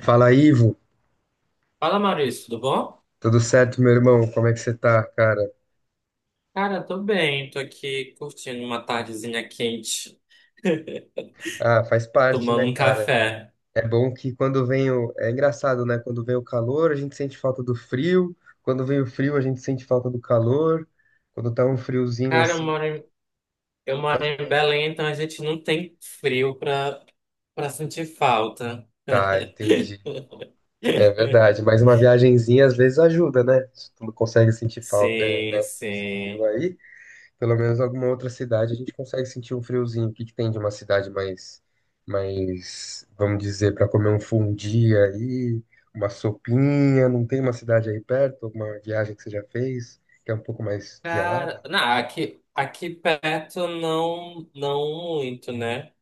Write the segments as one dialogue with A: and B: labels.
A: Fala, Ivo.
B: Fala, Maurício, tudo bom?
A: Tudo certo, meu irmão? Como é que você tá, cara?
B: Cara, tô bem, tô aqui curtindo uma tardezinha quente,
A: Ah, faz parte,
B: tomando
A: né,
B: um
A: cara?
B: café.
A: É bom que quando vem o. É engraçado, né? Quando vem o calor, a gente sente falta do frio. Quando vem o frio, a gente sente falta do calor. Quando tá um friozinho
B: Cara,
A: assim.
B: eu moro
A: Pode
B: em
A: falar.
B: Belém, então a gente não tem frio pra sentir falta.
A: Tá, entendi. É verdade. Mas uma viagenzinha às vezes ajuda, né? Se tu não consegue sentir falta, é,
B: Sim,
A: né? Frio
B: sim.
A: aí. Pelo menos alguma outra cidade a gente consegue sentir um friozinho. O que que tem de uma cidade mais, vamos dizer, para comer um fundi aí, uma sopinha? Não tem uma cidade aí perto, alguma viagem que você já fez que é um pouco mais gelada?
B: Cara, não, aqui perto não, não muito, né?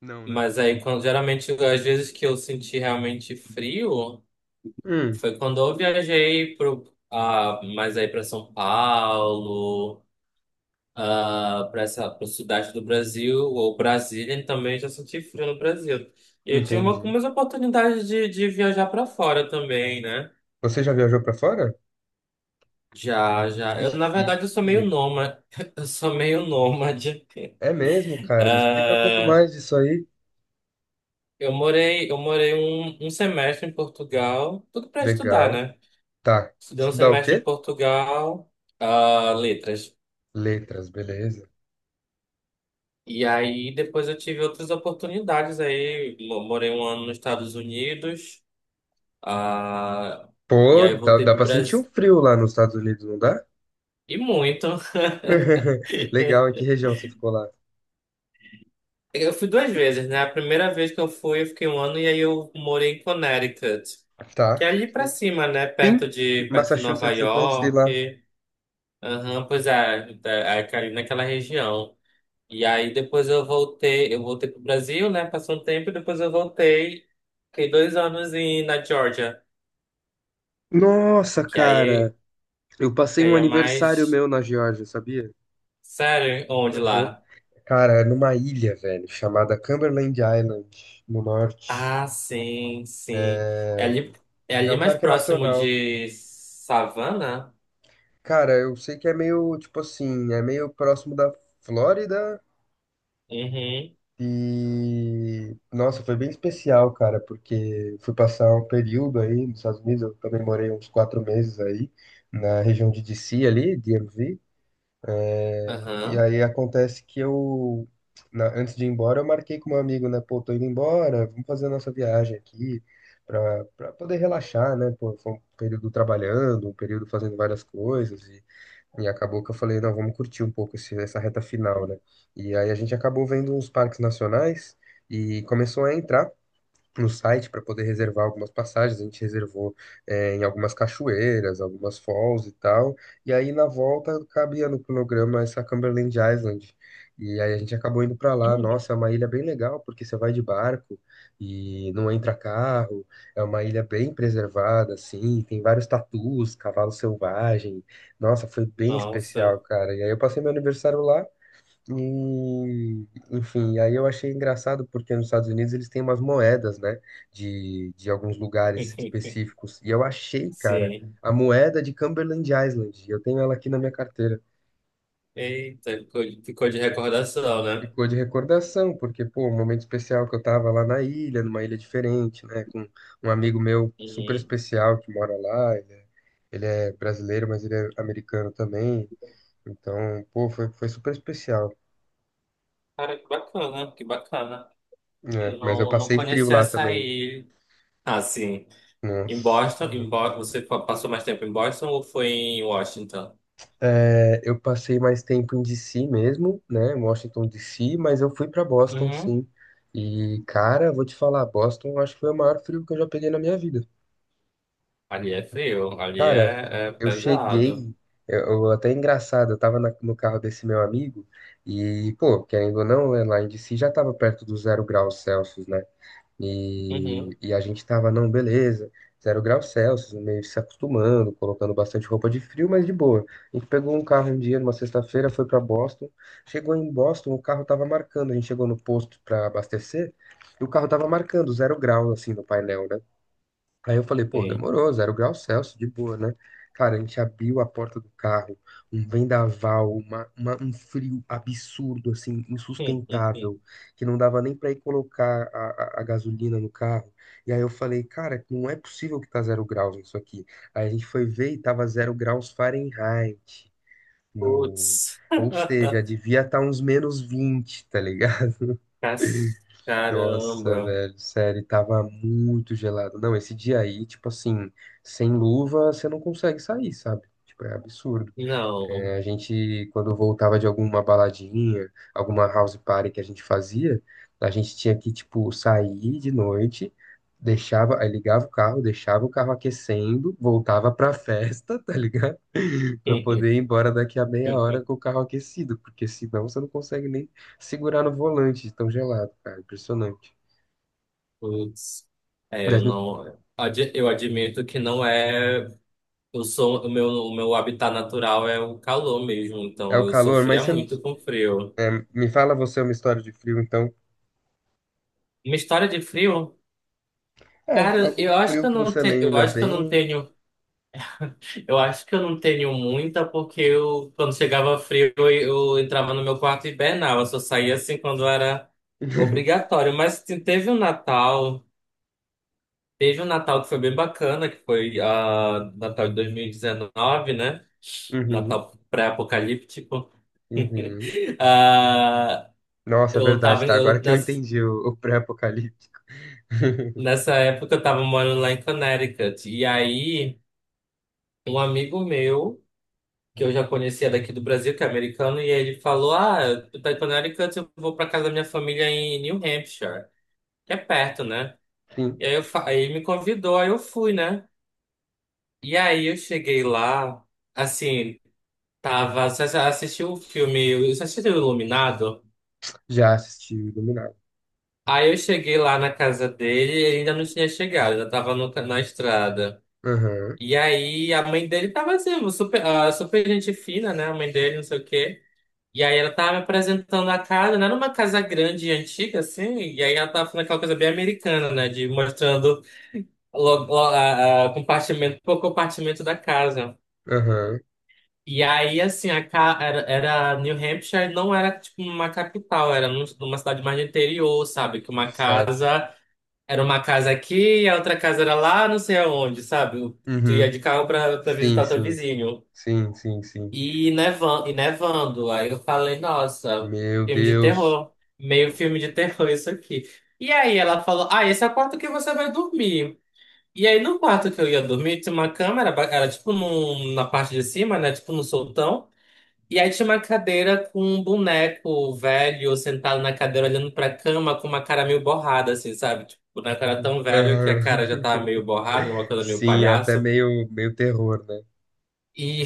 A: Não, né?
B: Mas aí, quando, geralmente, às vezes que eu senti realmente frio.
A: Hum,
B: Foi quando eu viajei mais aí para São Paulo, para essa pro sudeste do Brasil, ou Brasília, e também já senti frio no Brasil. E eu tive
A: entendi.
B: umas oportunidades de viajar para fora também, né?
A: Você já viajou pra fora?
B: Já, já.
A: Que
B: Eu, na verdade, eu sou meio
A: chique.
B: nômade. Eu sou meio nômade.
A: É mesmo, cara. Me explica um pouco
B: Ah,
A: mais disso aí.
B: eu morei um semestre em Portugal, tudo para estudar,
A: Legal.
B: né?
A: Tá.
B: Estudei um
A: Estudar o
B: semestre em
A: quê?
B: Portugal, letras.
A: Letras, beleza.
B: E aí depois eu tive outras oportunidades aí. Morei um ano nos Estados Unidos. Ah, e
A: Pô,
B: aí eu
A: dá,
B: voltei
A: dá
B: pro
A: pra sentir um
B: Brasil.
A: frio lá nos Estados Unidos, não dá?
B: E muito.
A: Legal, em que região você ficou lá?
B: Eu fui duas vezes, né? A primeira vez que eu fui, eu fiquei um ano e aí eu morei em Connecticut, que
A: Tá.
B: é ali pra cima, né?
A: Sim,
B: Perto de Nova
A: Massachusetts, eu conheci lá.
B: York. Aham, pois é, é ali naquela região. E aí depois eu voltei pro Brasil, né? Passou um tempo e depois eu voltei. Fiquei dois anos em, na Georgia,
A: Nossa,
B: que
A: cara,
B: aí
A: eu
B: E
A: passei um
B: aí é
A: aniversário
B: mais.
A: meu na Geórgia, sabia?
B: Sério, onde
A: Aham.
B: lá?
A: Cara, é numa ilha, velho, chamada Cumberland Island, no norte.
B: Ah, sim, sim. É ali, é
A: É
B: ali
A: um
B: mais
A: parque
B: próximo
A: nacional.
B: de Savana?
A: Cara, eu sei que é meio, tipo assim, é meio próximo da Flórida.
B: Uhum.
A: E nossa, foi bem especial, cara, porque fui passar um período aí nos Estados Unidos, eu também morei uns 4 meses aí, na região de DC ali, DMV. E
B: Aham.
A: aí acontece que eu, antes de ir embora, eu marquei com um amigo, né? Pô, tô indo embora, vamos fazer a nossa viagem aqui pra, poder relaxar, né? Pô, foi um período trabalhando, um período fazendo várias coisas e acabou que eu falei, não, vamos curtir um pouco esse, essa reta final, né? E aí a gente acabou vendo uns parques nacionais e começou a entrar no site para poder reservar algumas passagens. A gente reservou em algumas cachoeiras, algumas falls e tal. E aí na volta cabia no cronograma essa Cumberland Island. E aí a gente acabou indo para lá.
B: Hum.
A: Nossa, é uma ilha bem legal porque você vai de barco e não entra carro. É uma ilha bem preservada, assim. Tem vários tatus, cavalo selvagem. Nossa, foi bem
B: Nossa.
A: especial, cara. E aí eu passei meu aniversário lá. E, enfim, aí eu achei engraçado porque nos Estados Unidos eles têm umas moedas, né, de alguns lugares específicos. E eu achei, cara,
B: Sim.
A: a moeda de Cumberland Island. Eu tenho ela aqui na minha carteira.
B: Eita, ficou de recordação, né?
A: Ficou de recordação, porque, pô, um momento especial que eu tava lá na ilha, numa ilha diferente, né, com um amigo meu super
B: Uhum.
A: especial que mora lá. Ele é brasileiro, mas ele é americano também. Então, pô, foi super especial,
B: Cara, que bacana, que bacana.
A: né?
B: Eu
A: Mas eu
B: não, não
A: passei frio
B: conhecia
A: lá
B: essa
A: também.
B: ilha. Ah, sim. Em
A: Nossa
B: Boston,
A: senhora.
B: Passou mais tempo em Boston ou foi em Washington?
A: É, eu passei mais tempo em DC mesmo, né? Em Washington DC, mas eu fui para Boston, sim. E, cara, vou te falar, Boston acho que foi o maior frio que eu já peguei na minha vida.
B: Ali é frio,
A: Cara,
B: é
A: eu
B: pesado.
A: cheguei, eu- até é engraçado, eu tava no carro desse meu amigo e, pô, querendo ou não, né, lá em DC já tava perto dos 0 graus Celsius, né? E,
B: Uhum,
A: e a gente tava, não, beleza, 0 graus Celsius, meio se acostumando, colocando bastante roupa de frio, mas de boa. A gente pegou um carro um dia, numa sexta-feira, foi para Boston. Chegou em Boston, o carro tava marcando. A gente chegou no posto para abastecer e o carro tava marcando 0 graus assim, no painel, né? Aí eu falei, pô,
B: sim.
A: demorou, 0 graus Celsius, de boa, né? Cara, a gente abriu a porta do carro, um vendaval, um frio absurdo, assim, insustentável, que não dava nem pra ir colocar a gasolina no carro. E aí eu falei, cara, não é possível que tá 0 graus isso aqui. Aí a gente foi ver e tava 0 graus Fahrenheit no.
B: Putz.
A: Ou seja, devia estar uns -20. Tá,
B: Cas-
A: nossa,
B: Caramba.
A: velho, sério, tava muito gelado. Não, esse dia aí, tipo assim, sem luva, você não consegue sair, sabe? Tipo, é absurdo.
B: Não.
A: É, a gente, quando voltava de alguma baladinha, alguma house party que a gente fazia, a gente tinha que, tipo, sair de noite, deixava, aí ligava o carro, deixava o carro aquecendo, voltava pra festa, tá ligado? Pra poder ir embora daqui a meia hora com o carro aquecido, porque senão você não consegue nem segurar no volante de tão gelado, cara. Impressionante.
B: Putz. É, eu
A: Mas
B: não. Eu admito que não é. Eu sou, o meu habitat natural é o calor mesmo,
A: é
B: então
A: o
B: eu
A: calor, mas
B: sofria
A: você não.
B: muito com frio.
A: É, me fala você uma história de frio, então.
B: Uma história de frio?
A: É,
B: Cara,
A: algum
B: eu acho que
A: frio que você
B: eu
A: lembra
B: acho que eu não
A: bem.
B: tenho. Eu acho que eu não tenho muita, porque eu, quando chegava frio, eu entrava no meu quarto e hibernava. Só saía assim quando era obrigatório. Mas teve um Natal que foi bem bacana, que foi Natal de 2019, né?
A: Uhum.
B: Natal pré-apocalíptico.
A: Uhum.
B: Ah,
A: Nossa, é
B: eu
A: verdade,
B: tava, em-
A: tá? Agora
B: eu,
A: que eu
B: nessa,
A: entendi o pré apocalipse.
B: nessa época eu tava morando lá em Connecticut. E aí, um amigo meu que eu já conhecia daqui do Brasil, que é americano, e aí ele falou: Ah, tu tá em Connecticut, eu vou pra casa da minha família em New Hampshire, que é perto, né?
A: Sim,
B: E aí, aí ele me convidou, aí eu fui, né? E aí eu cheguei lá, assim, tava, assisti o filme, eu assisti o Iluminado.
A: já assisti o Iluminado.
B: Aí eu cheguei lá na casa dele e ele ainda não tinha chegado, ainda tava no, na estrada.
A: Aham,
B: E aí a mãe dele tava assim, super, super gente fina, né? A mãe dele, não sei o quê. E aí ela tava me apresentando a casa, não era uma casa grande e antiga, assim, e aí ela tava falando aquela coisa bem americana, né? De mostrando compartimento por compartimento da casa.
A: aham,
B: E aí, assim, era New Hampshire, não era tipo uma capital, era numa cidade mais do interior, sabe? Que uma
A: certo.
B: casa era uma casa aqui e a outra casa era lá, não sei aonde, sabe? Tu ia
A: Uhum.
B: de carro pra
A: Sim,
B: visitar o teu
A: sim,
B: vizinho.
A: sim, sim, sim.
B: E nevando, e nevando. Aí eu falei, nossa,
A: Meu
B: filme de
A: Deus.
B: terror. Meio filme de terror isso aqui. E aí ela falou, ah, esse é o quarto que você vai dormir. E aí no quarto que eu ia dormir, tinha uma câmera, era tipo na parte de cima, né? Tipo no soltão. E aí tinha uma cadeira com um boneco velho sentado na cadeira olhando pra cama com uma cara meio borrada, assim, sabe? Tipo, o boneco era tão velho que a
A: Aham.
B: cara já tava meio borrada, uma coisa meio
A: Sim, é até
B: palhaço.
A: meio, meio terror, né?
B: E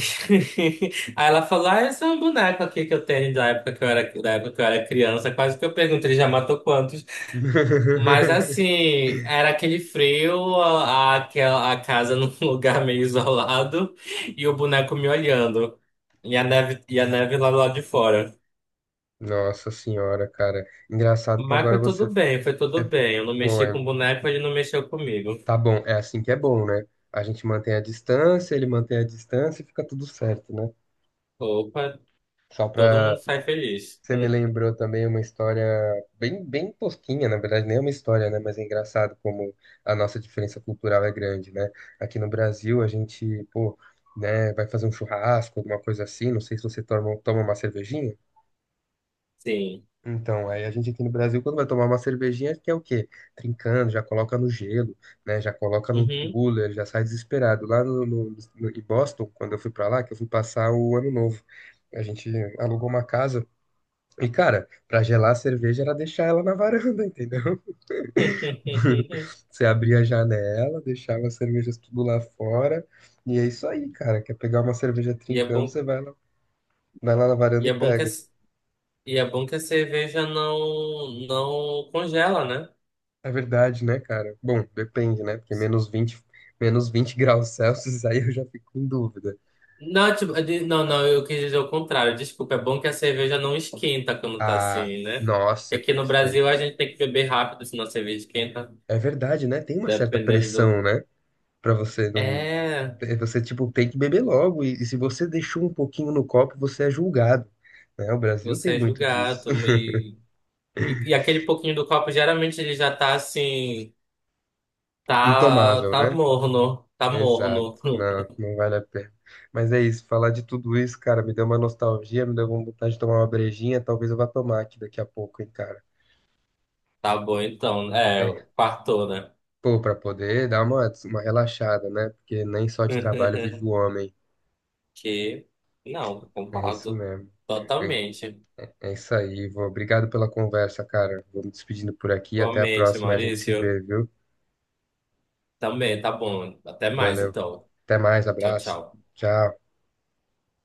B: aí ela falou: Ah, esse é um boneco aqui que eu tenho da época que eu era criança. Quase que eu pergunto, ele já matou quantos? Mas assim, era aquele frio, a casa num lugar meio isolado e o boneco me olhando. E a neve lá do lado de fora.
A: Nossa senhora, cara. Engraçado que
B: Mas
A: agora
B: foi tudo
A: você.
B: bem, foi tudo bem. Eu não
A: Pô,
B: mexi com o boneco, ele não mexeu comigo.
A: tá bom, é assim que é bom, né? A gente mantém a distância, ele mantém a distância e fica tudo certo, né?
B: Opa,
A: Só
B: todo mundo
A: pra
B: sai feliz.
A: Você me lembrou também uma história bem, bem tosquinha, na verdade, nem é uma história, né? Mas é engraçado como a nossa diferença cultural é grande, né? Aqui no Brasil, a gente, pô, né, vai fazer um churrasco, alguma coisa assim, não sei se você toma uma cervejinha.
B: Sim.
A: Então, aí a gente aqui no Brasil, quando vai tomar uma cervejinha, quer o quê? Trincando, já coloca no gelo, né? Já coloca num
B: Uhum.
A: cooler, já sai desesperado. Lá em Boston, quando eu fui pra lá, que eu fui passar o ano novo, a gente alugou uma casa e, cara, pra gelar a cerveja era deixar ela na varanda, entendeu? Você abria a janela, deixava as cervejas tudo lá fora. E é isso aí, cara. Quer pegar uma cerveja
B: E é
A: trincando, você
B: bom,
A: vai lá na varanda
B: e
A: e
B: é bom que é
A: pega.
B: E é bom que a cerveja não congela, né?
A: É verdade, né, cara? Bom, depende, né? Porque -20, -20 graus Celsius, aí eu já fico em dúvida.
B: Não, eu quis dizer o contrário. Desculpa, é bom que a cerveja não esquenta quando tá
A: Ah,
B: assim, né?
A: nossa, é
B: Porque aqui no Brasil
A: perfeito.
B: a gente tem que beber rápido, senão a cerveja esquenta,
A: É verdade, né? Tem uma certa
B: dependendo do.
A: pressão, né? Pra você não.
B: É,
A: Você, tipo, tem que beber logo, e se você deixou um pouquinho no copo, você é julgado, né? O Brasil tem
B: você é
A: muito disso.
B: julgado. E aquele pouquinho do copo, geralmente ele já tá assim,
A: Intomável,
B: tá
A: né?
B: morno, tá
A: Exato.
B: morno.
A: Não, não vale a pena. Mas é isso, falar de tudo isso, cara, me deu uma nostalgia, me deu uma vontade de tomar uma brejinha, talvez eu vá tomar aqui daqui a pouco, hein, cara.
B: Tá bom então, é,
A: É.
B: quartou, né?
A: Pô, pra poder dar uma relaxada, né? Porque nem só de trabalho vive o homem.
B: Que não,
A: É isso
B: concordo
A: mesmo.
B: totalmente.
A: É isso aí, Ivo. Obrigado pela conversa, cara. Vou me despedindo por aqui. Até a
B: Igualmente,
A: próxima. A gente se
B: Maurício.
A: vê, viu?
B: Também, tá bom. Até mais,
A: Valeu.
B: então.
A: Até mais.
B: Tchau,
A: Abraço.
B: tchau.
A: Tchau.